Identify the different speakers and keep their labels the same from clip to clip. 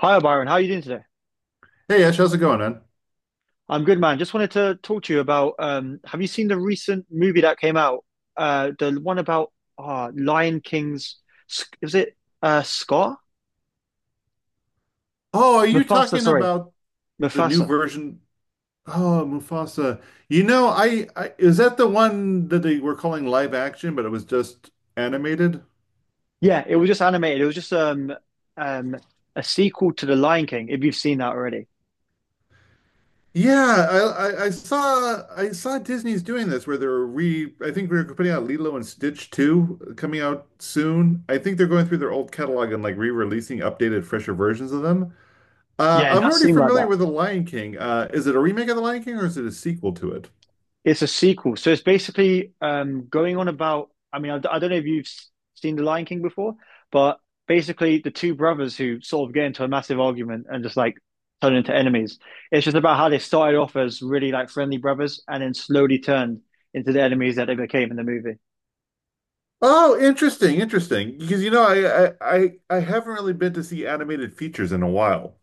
Speaker 1: Hi, Byron. How are you doing today?
Speaker 2: Hey Ash, how's it going, man?
Speaker 1: I'm good, man. Just wanted to talk to you about have you seen the recent movie that came out? The one about Lion King's, was it Scar?
Speaker 2: Oh, are you
Speaker 1: Mufasa,
Speaker 2: talking
Speaker 1: sorry.
Speaker 2: about the new
Speaker 1: Mufasa.
Speaker 2: version? Oh, Mufasa. You know, I is that the one that they were calling live action, but it was just animated?
Speaker 1: Yeah, it was just animated. It was just um, a sequel to The Lion King, if you've seen that already.
Speaker 2: Yeah, I saw Disney's doing this where they're re I think we're putting out Lilo and Stitch 2 coming out soon. I think they're going through their old catalog and like re-releasing updated, fresher versions of them.
Speaker 1: Yeah, it
Speaker 2: I'm
Speaker 1: does
Speaker 2: already
Speaker 1: seem like
Speaker 2: familiar
Speaker 1: that.
Speaker 2: with The Lion King. Is it a remake of The Lion King or is it a sequel to?
Speaker 1: It's a sequel, so it's basically going on about. I mean, I don't know if you've seen The Lion King before, but basically the two brothers who sort of get into a massive argument and just like turn into enemies. It's just about how they started off as really like friendly brothers and then slowly turned into the enemies that they became in the movie.
Speaker 2: Oh, interesting, interesting. Because I haven't really been to see animated features in a while.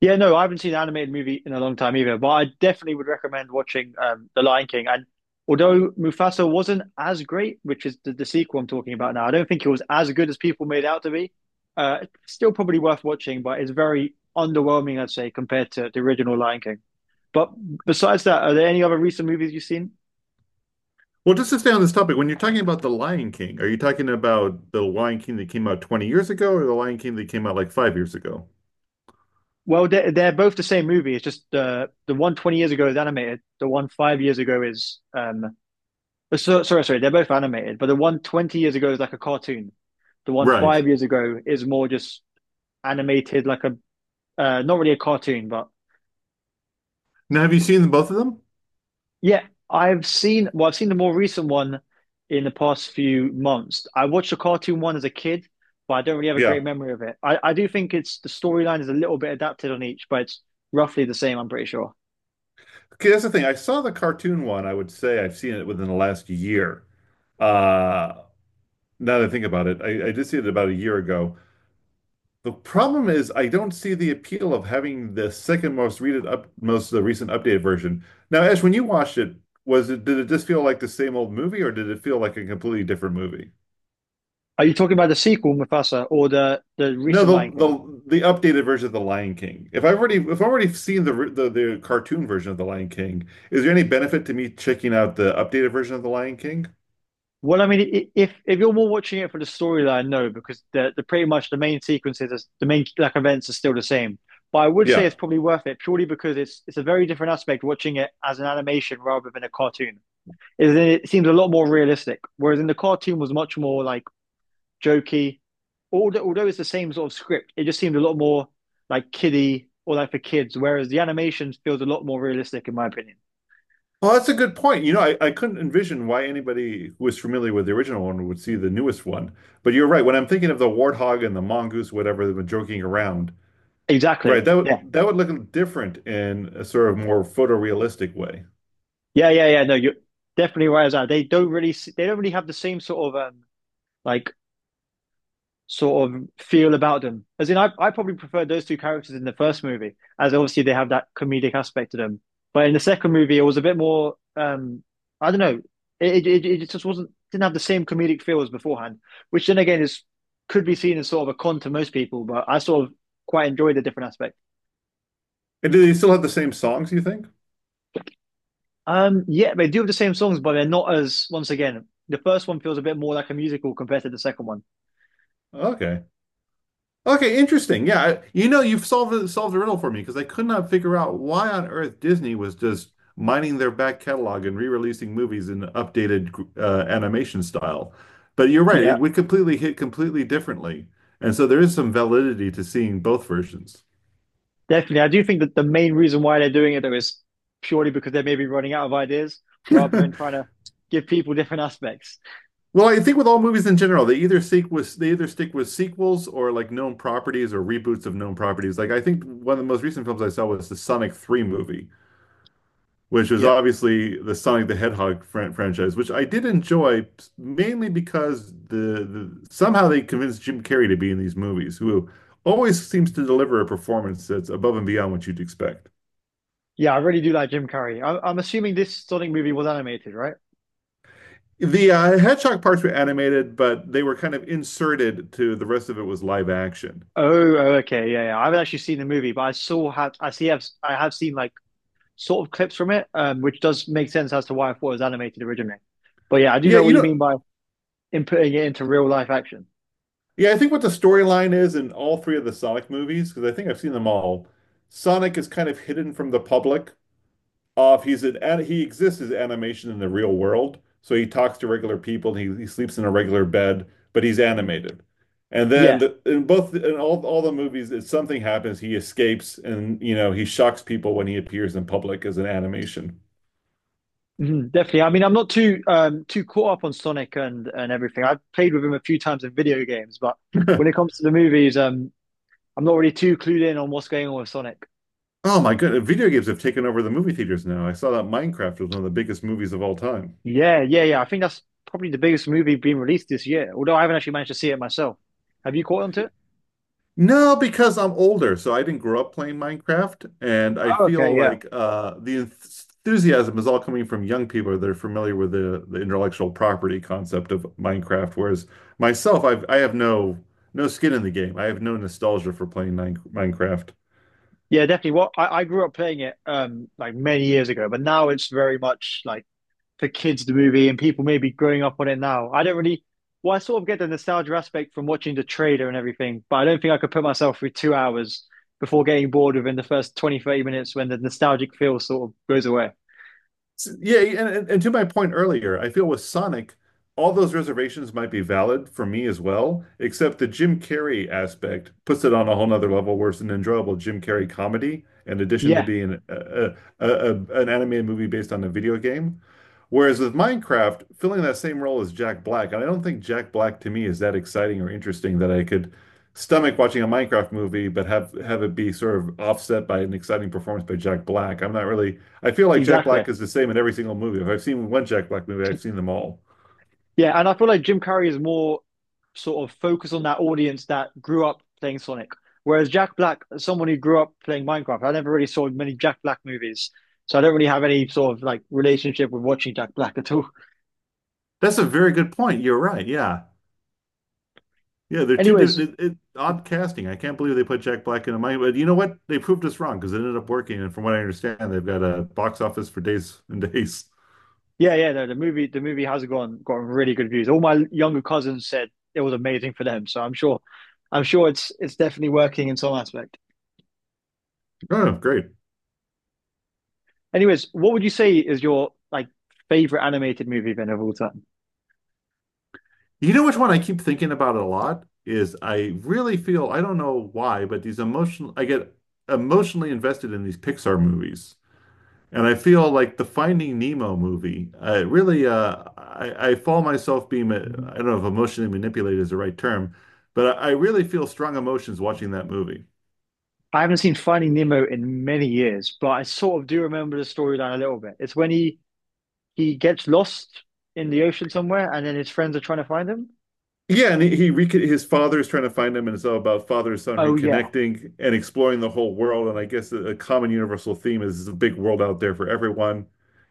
Speaker 1: Yeah, no, I haven't seen an animated movie in a long time either, but I definitely would recommend watching The Lion King. And although Mufasa wasn't as great, which is the sequel I'm talking about now, I don't think it was as good as people made out to be. It's still probably worth watching, but it's very underwhelming, I'd say, compared to the original Lion King. But besides that, are there any other recent movies you've seen?
Speaker 2: Well, just to stay on this topic, when you're talking about The Lion King, are you talking about The Lion King that came out 20 years ago or The Lion King that came out like 5 years ago?
Speaker 1: Well, they're both the same movie. It's just the one 20 years ago is animated, the one 5 years ago is so, sorry, they're both animated, but the one 20 years ago is like a cartoon. The one
Speaker 2: Right.
Speaker 1: five years ago is more just animated, like a not really a cartoon, but
Speaker 2: Now, have you seen both of them?
Speaker 1: yeah, I've seen. Well, I've seen the more recent one in the past few months. I watched the cartoon one as a kid, but I don't really have a great
Speaker 2: Yeah.
Speaker 1: memory of it. I do think it's the storyline is a little bit adapted on each, but it's roughly the same. I'm pretty sure.
Speaker 2: Okay, that's the thing. I saw the cartoon one. I would say I've seen it within the last year. Uh, Now that I think about it, I did see it about a year ago. The problem is I don't see the appeal of having the second most readed up most the recent updated version. Now, Ash, when you watched it, was it did it just feel like the same old movie or did it feel like a completely different movie?
Speaker 1: Are you talking about the sequel, Mufasa, or the
Speaker 2: No,
Speaker 1: recent Lion
Speaker 2: the
Speaker 1: King?
Speaker 2: the the updated version of The Lion King. If I've already seen the cartoon version of The Lion King, is there any benefit to me checking out the updated version of The Lion King?
Speaker 1: Well, I mean, if you're more watching it for the storyline, no, because the pretty much the main sequences, the main like events are still the same. But I would say
Speaker 2: Yeah.
Speaker 1: it's probably worth it purely because it's a very different aspect watching it as an animation rather than a cartoon. Is that it seems a lot more realistic, whereas in the cartoon was much more like jokey. Although it's the same sort of script, it just seemed a lot more like kiddie or like for kids, whereas the animation feels a lot more realistic in my opinion.
Speaker 2: Well, that's a good point. You know, I couldn't envision why anybody who is familiar with the original one would see the newest one. But you're right. When I'm thinking of the warthog and the mongoose, whatever they've been joking around,
Speaker 1: Exactly.
Speaker 2: right, that
Speaker 1: Yeah.
Speaker 2: would look different in a sort of more photorealistic way.
Speaker 1: Yeah, yeah, yeah. No, you're definitely right as that. They don't really have the same sort of like sort of feel about them. As in, I probably prefer those two characters in the first movie, as obviously they have that comedic aspect to them. But in the second movie, it was a bit more, I don't know, it just wasn't didn't have the same comedic feel as beforehand, which then again is could be seen as sort of a con to most people. But I sort of quite enjoyed the different aspect.
Speaker 2: And do they still have the same songs, you think?
Speaker 1: Yeah, they do have the same songs, but they're not as. Once again, the first one feels a bit more like a musical compared to the second one.
Speaker 2: Okay. Okay, interesting. Yeah, you know, you've solved the riddle for me because I could not figure out why on earth Disney was just mining their back catalog and re-releasing movies in updated animation style. But you're right;
Speaker 1: Yeah,
Speaker 2: it would completely differently, and so there is some validity to seeing both versions.
Speaker 1: definitely. I do think that the main reason why they're doing it though is purely because they may be running out of ideas rather than trying to give people different aspects.
Speaker 2: Well, I think with all movies in general, they either stick with sequels or like known properties or reboots of known properties. Like I think one of the most recent films I saw was the Sonic 3 movie, which was
Speaker 1: Yep.
Speaker 2: obviously the Sonic the Hedgehog franchise, which I did enjoy mainly because the somehow they convinced Jim Carrey to be in these movies, who always seems to deliver a performance that's above and beyond what you'd expect.
Speaker 1: Yeah, I really do like Jim Carrey. I'm assuming this Sonic movie was animated, right?
Speaker 2: The Hedgehog parts were animated, but they were kind of inserted to the rest of it was live action.
Speaker 1: Oh, oh, okay, yeah, yeah. I haven't actually seen the movie, but I saw have I see have I have seen like sort of clips from it, which does make sense as to why I thought it was animated originally. But yeah, I do
Speaker 2: Yeah,
Speaker 1: know
Speaker 2: you
Speaker 1: what you
Speaker 2: know,
Speaker 1: mean by inputting it into real life action.
Speaker 2: yeah, I think what the storyline is in all three of the Sonic movies, because I think I've seen them all, Sonic is kind of hidden from the public off. He exists as animation in the real world, so he talks to regular people. And he sleeps in a regular bed, but he's animated. And then
Speaker 1: Yeah,
Speaker 2: in both in all the movies, if something happens, he escapes, and you know he shocks people when he appears in public as an animation.
Speaker 1: mhm, definitely. I mean, I'm not too too caught up on Sonic and everything. I've played with him a few times in video games, but when it comes to the movies, I'm not really too clued in on what's going on with Sonic.
Speaker 2: Oh my goodness, video games have taken over the movie theaters now. I saw that Minecraft was one of the biggest movies of all time.
Speaker 1: Yeah, yeah, yeah. I think that's probably the biggest movie being released this year, although I haven't actually managed to see it myself. Have you caught on to it?
Speaker 2: No, because I'm older, so I didn't grow up playing Minecraft, and I
Speaker 1: Oh,
Speaker 2: feel
Speaker 1: okay, yeah.
Speaker 2: like the enthusiasm is all coming from young people that are familiar with the intellectual property concept of Minecraft. Whereas myself, I have no skin in the game. I have no nostalgia for playing Minecraft.
Speaker 1: Yeah, definitely. What I grew up playing it like many years ago, but now it's very much like for kids the movie and people maybe growing up on it now. I don't really, well, I sort of get the nostalgia aspect from watching the trailer and everything, but I don't think I could put myself through 2 hours before getting bored within the first 20, 30 minutes when the nostalgic feel sort of goes away.
Speaker 2: Yeah, and to my point earlier, I feel with Sonic, all those reservations might be valid for me as well, except the Jim Carrey aspect puts it on a whole nother level where it's an enjoyable Jim Carrey comedy, in addition to
Speaker 1: Yeah,
Speaker 2: being an animated movie based on a video game. Whereas with Minecraft, filling that same role as Jack Black, and I don't think Jack Black to me is that exciting or interesting that I could stomach watching a Minecraft movie, but have it be sort of offset by an exciting performance by Jack Black. I'm not really, I feel like Jack
Speaker 1: exactly.
Speaker 2: Black is the same in every single movie. If I've seen one Jack Black movie, I've seen them all.
Speaker 1: Yeah, and I feel like Jim Carrey is more sort of focused on that audience that grew up playing Sonic. Whereas Jack Black, someone who grew up playing Minecraft, I never really saw many Jack Black movies. So I don't really have any sort of like relationship with watching Jack Black at all.
Speaker 2: That's a very good point. You're right. Yeah. Yeah, they're two different
Speaker 1: Anyways,
Speaker 2: odd casting. I can't believe they put Jack Black in a Minecraft. But you know what? They proved us wrong because it ended up working. And from what I understand, they've got a box office for days and days.
Speaker 1: yeah, yeah, no, the movie has gone gotten really good views. All my younger cousins said it was amazing for them, so I'm sure it's definitely working in some aspect.
Speaker 2: Oh, great.
Speaker 1: Anyways, what would you say is your like favorite animated movie then of all time?
Speaker 2: You know which one I keep thinking about a lot is I really feel I don't know why, but these emotional I get emotionally invested in these Pixar movies. And I feel like the Finding Nemo movie, I really I fall myself being I don't know if emotionally manipulated is the right term, but I really feel strong emotions watching that movie.
Speaker 1: I haven't seen Finding Nemo in many years, but I sort of do remember the storyline a little bit. It's when he gets lost in the ocean somewhere, and then his friends are trying to find him.
Speaker 2: Yeah, and he recon his father is trying to find him, and it's all about father and son
Speaker 1: Oh yeah,
Speaker 2: reconnecting and exploring the whole world. And I guess a common universal theme is there's a big world out there for everyone,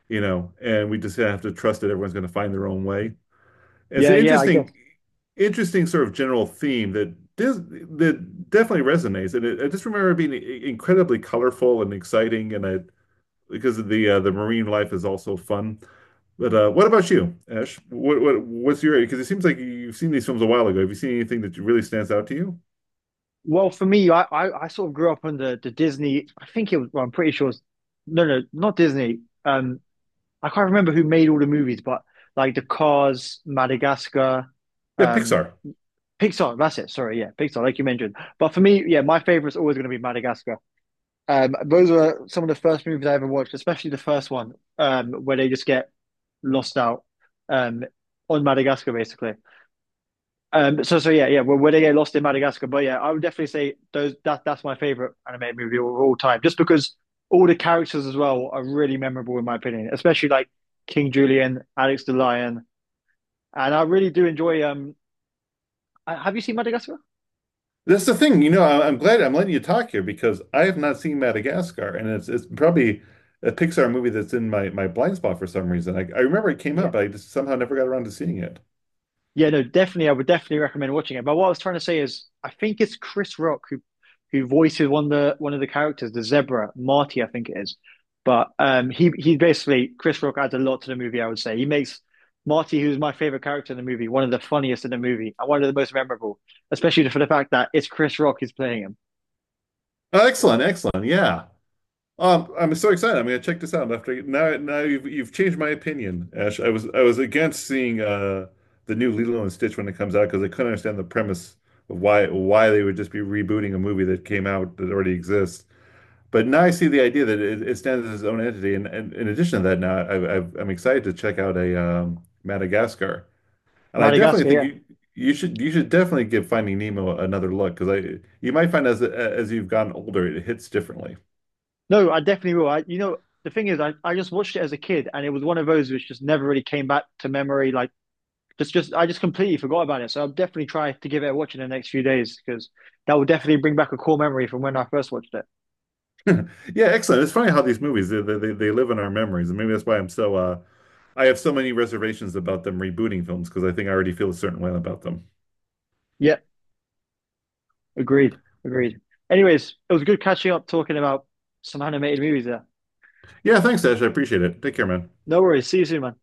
Speaker 2: you know, and we just have to trust that everyone's going to find their own way. It's
Speaker 1: yeah,
Speaker 2: an
Speaker 1: yeah. I guess.
Speaker 2: interesting, interesting sort of general theme that dis that definitely resonates. And I just remember it being incredibly colorful and exciting, and I because of the marine life is also fun. But what about you, Ash? What's your because it seems like you've seen these films a while ago. Have you seen anything that really stands out to you?
Speaker 1: Well, for me, I sort of grew up on the Disney. I think it was. Well, I'm pretty sure. It's, no, no, Not Disney. I can't remember who made all the movies, but like the Cars, Madagascar,
Speaker 2: Yeah,
Speaker 1: um,
Speaker 2: Pixar.
Speaker 1: Pixar. That's it. Sorry, yeah, Pixar, like you mentioned. But for me, yeah, my favorite's always going to be Madagascar. Those were some of the first movies I ever watched, especially the first one, where they just get lost out um, on Madagascar, basically. So yeah, yeah, where they get lost in Madagascar. But yeah, I would definitely say those that that's my favorite animated movie of all time, just because all the characters as well are really memorable in my opinion, especially like King Julian, Alex the Lion, and I really do enjoy. Have you seen Madagascar?
Speaker 2: That's the thing. You know, I'm glad I'm letting you talk here because I have not seen Madagascar, and it's probably a Pixar movie that's in my blind spot for some reason. I remember it came
Speaker 1: Yeah.
Speaker 2: up, but I just somehow never got around to seeing it.
Speaker 1: Yeah, no, definitely. I would definitely recommend watching it. But what I was trying to say is, I think it's Chris Rock who voices one of the characters, the zebra, Marty, I think it is. But he basically Chris Rock adds a lot to the movie. I would say he makes Marty, who's my favorite character in the movie, one of the funniest in the movie and one of the most memorable, especially for the fact that it's Chris Rock who's playing him.
Speaker 2: Oh, excellent, excellent. Yeah. I'm so excited. I'm gonna check this out after now. You've changed my opinion, Ash. I was against seeing the new Lilo and Stitch when it comes out because I couldn't understand the premise of why they would just be rebooting a movie that came out that already exists. But now I see the idea that it stands as its own entity. And, in addition to that, now I'm excited to check out a Madagascar. And I definitely
Speaker 1: Madagascar,
Speaker 2: think
Speaker 1: yeah.
Speaker 2: you should definitely give Finding Nemo another look because I you might find as you've gotten older it hits differently.
Speaker 1: No, I definitely will. I, you know, the thing is, I just watched it as a kid, and it was one of those which just never really came back to memory. Like just I just completely forgot about it. So I'll definitely try to give it a watch in the next few days because that will definitely bring back a core memory from when I first watched it.
Speaker 2: Yeah, excellent. It's funny how these movies they live in our memories, and maybe that's why I'm so I have so many reservations about them rebooting films because I think I already feel a certain way about them.
Speaker 1: Yeah, agreed, agreed. Anyways, it was good catching up talking about some animated movies there.
Speaker 2: Yeah, thanks, Ash. I appreciate it. Take care, man.
Speaker 1: No worries. See you soon, man.